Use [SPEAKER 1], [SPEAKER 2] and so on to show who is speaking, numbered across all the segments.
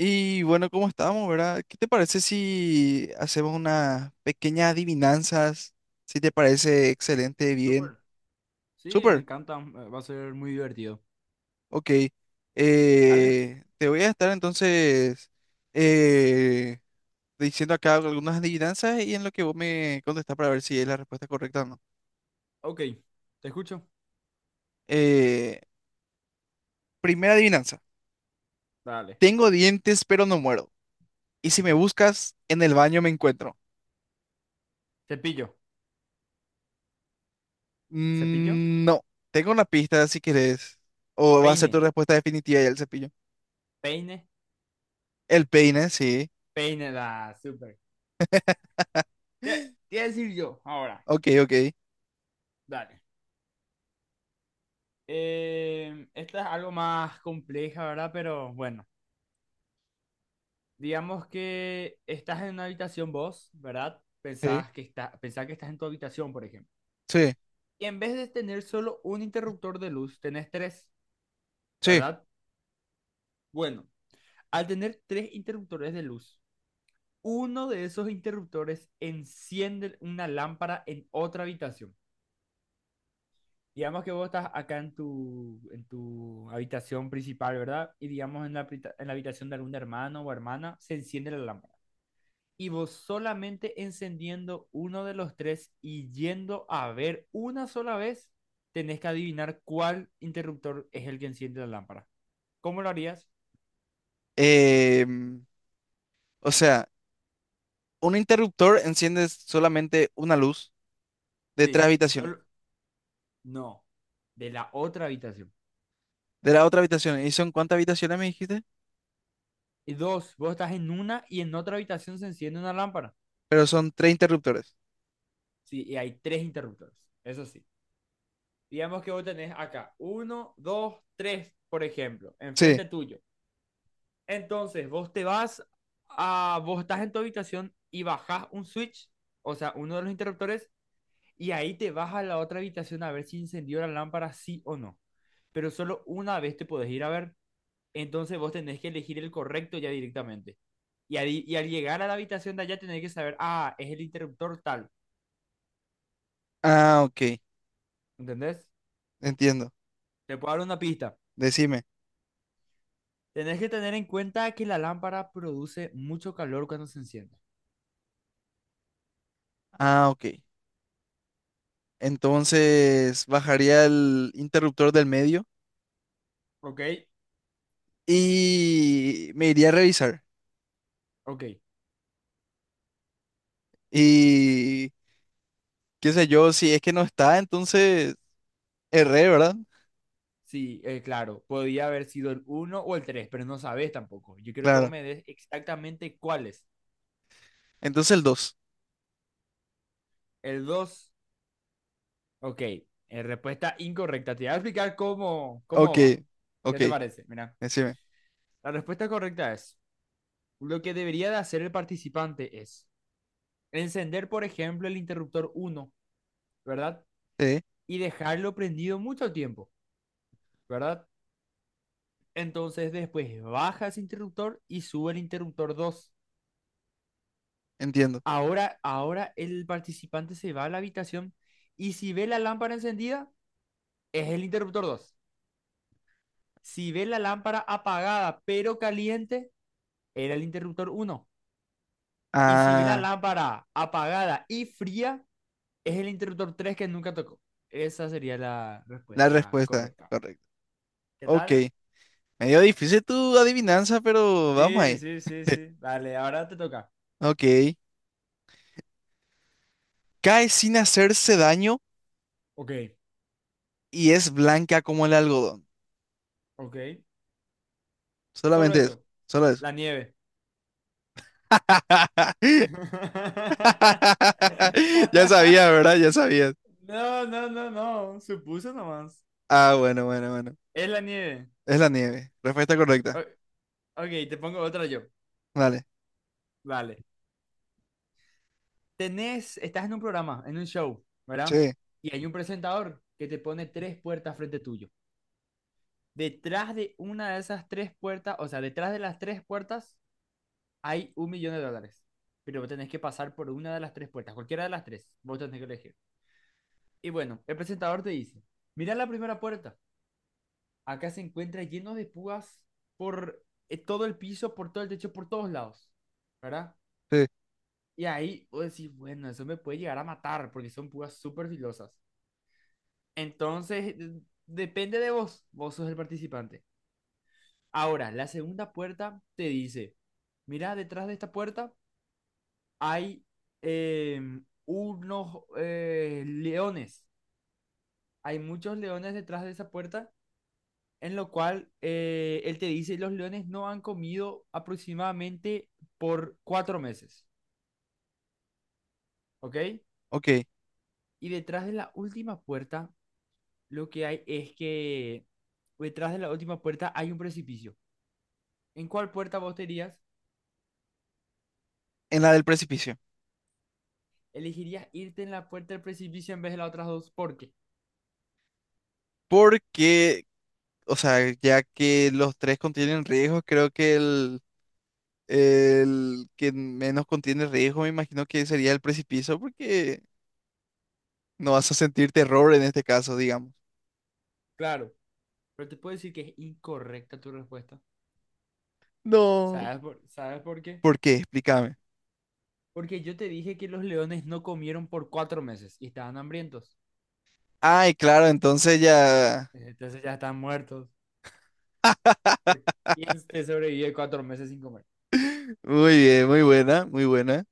[SPEAKER 1] Y bueno, ¿cómo estamos, verdad? ¿Qué te parece si hacemos unas pequeñas adivinanzas? Si te parece excelente, bien.
[SPEAKER 2] Súper. Sí, me
[SPEAKER 1] Súper,
[SPEAKER 2] encanta. Va a ser muy divertido.
[SPEAKER 1] ok.
[SPEAKER 2] Dale.
[SPEAKER 1] Te voy a estar entonces eh, diciendo acá algunas adivinanzas y en lo que vos me contestás para ver si es la respuesta correcta o no.
[SPEAKER 2] Ok. Te escucho.
[SPEAKER 1] Eh, Primera adivinanza.
[SPEAKER 2] Dale.
[SPEAKER 1] Tengo dientes, pero no muero. Y si me buscas, en el baño me encuentro.
[SPEAKER 2] Cepillo. Cepillo.
[SPEAKER 1] Mm, no, tengo una pista si querés. O va a ser tu
[SPEAKER 2] Peine.
[SPEAKER 1] respuesta definitiva ya el cepillo.
[SPEAKER 2] Peine.
[SPEAKER 1] El peine, sí.
[SPEAKER 2] Peine. Da. Súper. ¿Qué decir yo ahora?
[SPEAKER 1] Ok, ok.
[SPEAKER 2] Dale. Esta es algo más compleja, ¿verdad? Pero bueno. Digamos que estás en una habitación vos, ¿verdad?
[SPEAKER 1] Sí,
[SPEAKER 2] Pensás que, pensás que estás en tu habitación, por ejemplo.
[SPEAKER 1] sí,
[SPEAKER 2] Y en vez de tener solo un interruptor de luz, tenés tres,
[SPEAKER 1] sí.
[SPEAKER 2] ¿verdad? Bueno, al tener tres interruptores de luz uno de esos interruptores enciende una lámpara en otra habitación. Digamos que vos estás acá en tu habitación principal, ¿verdad? Y digamos en en la habitación de algún hermano o hermana, se enciende la lámpara. Y vos solamente encendiendo uno de los tres y yendo a ver una sola vez, tenés que adivinar cuál interruptor es el que enciende la lámpara. ¿Cómo lo harías?
[SPEAKER 1] Em, o sea, un interruptor enciende solamente una luz de tres
[SPEAKER 2] Sí,
[SPEAKER 1] habitaciones.
[SPEAKER 2] solo... No, de la otra habitación.
[SPEAKER 1] De la otra habitación. ¿Y son cuántas habitaciones me dijiste?
[SPEAKER 2] Y dos, vos estás en una y en otra habitación se enciende una lámpara.
[SPEAKER 1] Pero son tres interruptores.
[SPEAKER 2] Sí, y hay tres interruptores. Eso sí. Digamos que vos tenés acá uno, dos, tres, por ejemplo,
[SPEAKER 1] Sí.
[SPEAKER 2] enfrente tuyo. Entonces, vos te vas a. Vos estás en tu habitación y bajás un switch, o sea, uno de los interruptores, y ahí te vas a la otra habitación a ver si encendió la lámpara, sí o no. Pero solo una vez te podés ir a ver. Entonces vos tenés que elegir el correcto ya directamente. Y al llegar a la habitación de allá tenés que saber, ah, es el interruptor tal,
[SPEAKER 1] Ah, ok.
[SPEAKER 2] ¿entendés?
[SPEAKER 1] Entiendo.
[SPEAKER 2] Te puedo dar una pista.
[SPEAKER 1] Decime.
[SPEAKER 2] Tenés que tener en cuenta que la lámpara produce mucho calor cuando se enciende.
[SPEAKER 1] Ah, ok. Entonces bajaría el interruptor del medio
[SPEAKER 2] ¿Ok?
[SPEAKER 1] y me iría a revisar.
[SPEAKER 2] Ok.
[SPEAKER 1] Y qué sé yo, si es que no está, entonces erré, ¿verdad?
[SPEAKER 2] Sí, claro. Podía haber sido el uno o el 3 pero no sabes tampoco. Yo quiero que vos
[SPEAKER 1] Claro.
[SPEAKER 2] me des exactamente cuál es.
[SPEAKER 1] Entonces el dos.
[SPEAKER 2] El dos. Ok. Respuesta incorrecta. Te voy a explicar
[SPEAKER 1] Ok,
[SPEAKER 2] cómo va. ¿Qué
[SPEAKER 1] ok,
[SPEAKER 2] te parece? Mira.
[SPEAKER 1] decime.
[SPEAKER 2] La respuesta correcta es lo que debería de hacer el participante es encender, por ejemplo, el interruptor uno, ¿verdad?
[SPEAKER 1] Sí,
[SPEAKER 2] Y dejarlo prendido mucho tiempo, ¿verdad? Entonces después baja ese interruptor y sube el interruptor 2.
[SPEAKER 1] entiendo.
[SPEAKER 2] Ahora el participante se va a la habitación y si ve la lámpara encendida, es el interruptor 2. Si ve la lámpara apagada pero caliente, era el interruptor uno. Y si ve la
[SPEAKER 1] Ah,
[SPEAKER 2] lámpara apagada y fría, es el interruptor 3 que nunca tocó. Esa sería la
[SPEAKER 1] la
[SPEAKER 2] respuesta
[SPEAKER 1] respuesta,
[SPEAKER 2] correcta.
[SPEAKER 1] correcto.
[SPEAKER 2] ¿Qué
[SPEAKER 1] Ok,
[SPEAKER 2] tal?
[SPEAKER 1] medio difícil tu adivinanza, pero vamos
[SPEAKER 2] Sí,
[SPEAKER 1] ahí.
[SPEAKER 2] sí, sí, sí. Dale, ahora te toca.
[SPEAKER 1] Ok, cae sin hacerse daño
[SPEAKER 2] Ok,
[SPEAKER 1] y es blanca como el algodón.
[SPEAKER 2] ok. Solo
[SPEAKER 1] Solamente eso,
[SPEAKER 2] eso.
[SPEAKER 1] solo eso.
[SPEAKER 2] La nieve.
[SPEAKER 1] Ya sabías, ¿verdad? Ya sabías.
[SPEAKER 2] No, no, no, no. Supuso nomás.
[SPEAKER 1] Ah, bueno, bueno, bueno.
[SPEAKER 2] Es la nieve.
[SPEAKER 1] Es la nieve. Respuesta
[SPEAKER 2] O-
[SPEAKER 1] correcta.
[SPEAKER 2] ok, te pongo otra yo.
[SPEAKER 1] Dale.
[SPEAKER 2] Vale. Tenés, estás en un programa, en un show, ¿verdad?
[SPEAKER 1] Sí,
[SPEAKER 2] Y hay un presentador que te pone tres puertas frente tuyo. Detrás de una de esas tres puertas, o sea, detrás de las tres puertas hay un millón de dólares. Pero vos tenés que pasar por una de las tres puertas, cualquiera de las tres, vos tenés que elegir. Y bueno, el presentador te dice, mira la primera puerta, acá se encuentra lleno de púas por todo el piso, por todo el techo, por todos lados, ¿verdad?
[SPEAKER 1] sí,
[SPEAKER 2] Y ahí vos decís, bueno, eso me puede llegar a matar porque son púas súper filosas. Entonces, depende de vos, vos sos el participante. Ahora, la segunda puerta te dice, mira, detrás de esta puerta hay eh, unos leones. Hay muchos leones detrás de esa puerta, en lo cual él te dice, los leones no han comido aproximadamente por cuatro meses, ¿ok?
[SPEAKER 1] ok.
[SPEAKER 2] Y detrás de la última puerta, lo que hay es que detrás de la última puerta hay un precipicio. ¿En cuál puerta vos te irías?
[SPEAKER 1] En la del precipicio.
[SPEAKER 2] Elegirías irte en la puerta del precipicio en vez de las otras dos. ¿Por qué?
[SPEAKER 1] Porque, o sea, ya que los tres contienen riesgos, creo que el que menos contiene riesgo, me imagino que sería el precipicio, porque no vas a sentir terror en este caso, digamos.
[SPEAKER 2] Claro. Pero te puedo decir que es incorrecta tu respuesta.
[SPEAKER 1] No.
[SPEAKER 2] ¿Sabes por qué?
[SPEAKER 1] ¿Por qué? Explícame.
[SPEAKER 2] Porque yo te dije que los leones no comieron por cuatro meses y estaban hambrientos.
[SPEAKER 1] Ay, claro, entonces ya.
[SPEAKER 2] Entonces ya están muertos. ¿Por ¿Quién te sobrevive cuatro meses sin comer?
[SPEAKER 1] Muy bien, muy buena, muy buena.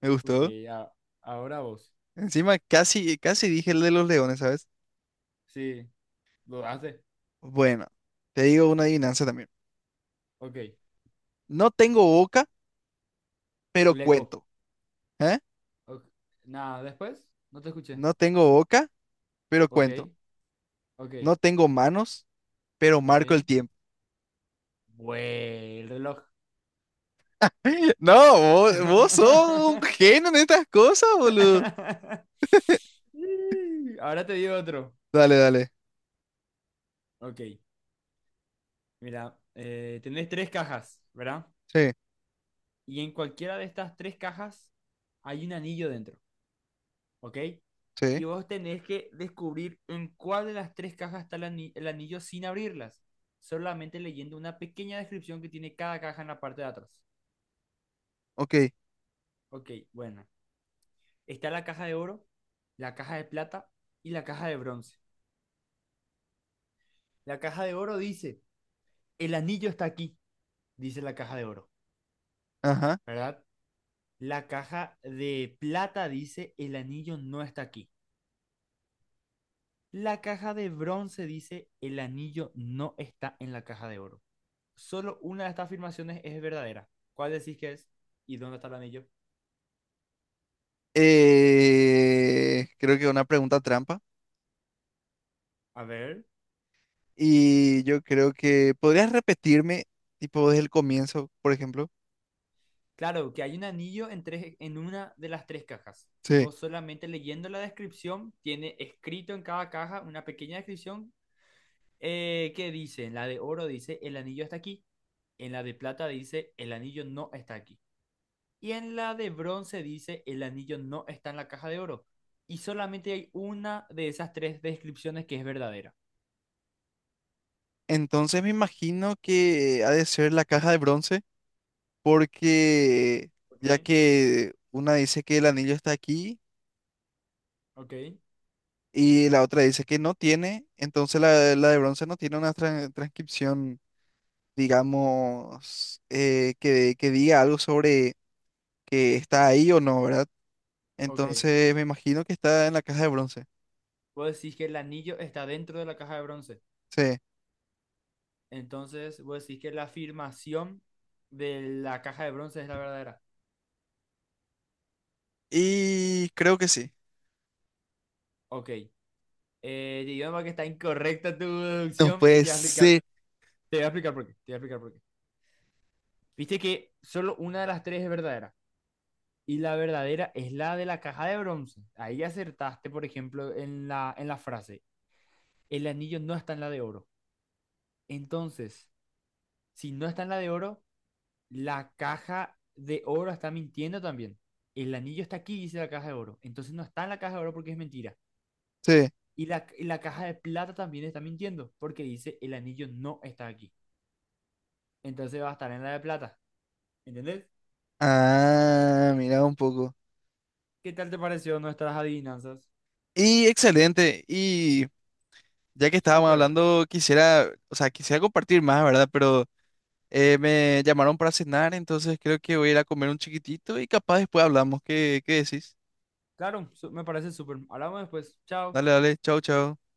[SPEAKER 1] Me
[SPEAKER 2] Ok,
[SPEAKER 1] gustó.
[SPEAKER 2] a- ahora vos.
[SPEAKER 1] Encima casi, casi dije el de los leones, ¿sabes?
[SPEAKER 2] Sí, dudaste.
[SPEAKER 1] Bueno, te digo una adivinanza también.
[SPEAKER 2] Ok, el
[SPEAKER 1] No tengo boca, pero
[SPEAKER 2] Eco.
[SPEAKER 1] cuento. ¿Eh?
[SPEAKER 2] Ok. Nada, después no te escuché.
[SPEAKER 1] No tengo boca, pero
[SPEAKER 2] Ok,
[SPEAKER 1] cuento.
[SPEAKER 2] ok,
[SPEAKER 1] No tengo manos, pero
[SPEAKER 2] ok.
[SPEAKER 1] marco el tiempo.
[SPEAKER 2] Güey, el reloj.
[SPEAKER 1] No, vos, vos sos un genio en estas cosas, boludo.
[SPEAKER 2] Ahora te digo otro.
[SPEAKER 1] Dale, dale.
[SPEAKER 2] Ok, mira, tenés tres cajas, ¿verdad?
[SPEAKER 1] Sí,
[SPEAKER 2] Y en cualquiera de estas tres cajas hay un anillo dentro, ¿ok?
[SPEAKER 1] sí.
[SPEAKER 2] Y vos tenés que descubrir en cuál de las tres cajas está el anillo sin abrirlas, solamente leyendo una pequeña descripción que tiene cada caja en la parte de atrás.
[SPEAKER 1] Ok.
[SPEAKER 2] Ok, bueno, está la caja de oro, la caja de plata y la caja de bronce. La caja de oro dice, el anillo está aquí, dice la caja de oro,
[SPEAKER 1] Ajá.
[SPEAKER 2] ¿verdad? La caja de plata dice, el anillo no está aquí. La caja de bronce dice, el anillo no está en la caja de oro. Solo una de estas afirmaciones es verdadera. ¿Cuál decís que es? ¿Y dónde está el anillo?
[SPEAKER 1] Creo que una pregunta trampa.
[SPEAKER 2] A ver.
[SPEAKER 1] Y yo creo que podrías repetirme, tipo, desde el comienzo, por ejemplo.
[SPEAKER 2] Claro, que hay un anillo en una de las tres cajas. Y
[SPEAKER 1] Sí.
[SPEAKER 2] vos solamente leyendo la descripción, tiene escrito en cada caja una pequeña descripción que dice, en la de oro dice, el anillo está aquí. En la de plata dice, el anillo no está aquí. Y en la de bronce dice, el anillo no está en la caja de oro. Y solamente hay una de esas tres descripciones que es verdadera.
[SPEAKER 1] Entonces me imagino que ha de ser la caja de bronce, porque
[SPEAKER 2] Ok,
[SPEAKER 1] ya que una dice que el anillo está aquí.
[SPEAKER 2] ok,
[SPEAKER 1] Y la otra dice que no tiene, entonces la de bronce no tiene una transcripción, digamos, que diga algo sobre que está ahí o no, ¿verdad?
[SPEAKER 2] ok.
[SPEAKER 1] Entonces me imagino que está en la caja de bronce.
[SPEAKER 2] Vos decís que el anillo está dentro de la caja de bronce.
[SPEAKER 1] Sí.
[SPEAKER 2] Entonces, vos decís que la afirmación de la caja de bronce es la verdadera.
[SPEAKER 1] Y creo que sí.
[SPEAKER 2] Ok. Digamos que está incorrecta tu
[SPEAKER 1] No
[SPEAKER 2] deducción y
[SPEAKER 1] puede
[SPEAKER 2] te voy a explicar,
[SPEAKER 1] ser.
[SPEAKER 2] te voy a explicar por qué. Te voy a explicar por qué. Viste que solo una de las tres es verdadera. Y la verdadera es la de la caja de bronce. Ahí acertaste, por ejemplo, en en la frase. El anillo no está en la de oro. Entonces, si no está en la de oro, la caja de oro está mintiendo también. El anillo está aquí, dice la caja de oro. Entonces no está en la caja de oro porque es mentira.
[SPEAKER 1] Sí.
[SPEAKER 2] Y y la caja de plata también está mintiendo porque dice el anillo no está aquí. Entonces va a estar en la de plata. ¿Entendés?
[SPEAKER 1] Ah, mira un poco.
[SPEAKER 2] ¿Qué tal te pareció nuestras adivinanzas?
[SPEAKER 1] Y excelente. Y ya que estábamos
[SPEAKER 2] Súper.
[SPEAKER 1] hablando, quisiera, o sea, quisiera compartir más, ¿verdad? Pero... Me llamaron para cenar, entonces creo que voy a ir a comer un chiquitito y capaz después hablamos. ¿Qué, qué decís?
[SPEAKER 2] Claro, me parece súper. Hablamos después. Chao.
[SPEAKER 1] Dale, dale, chau, chau.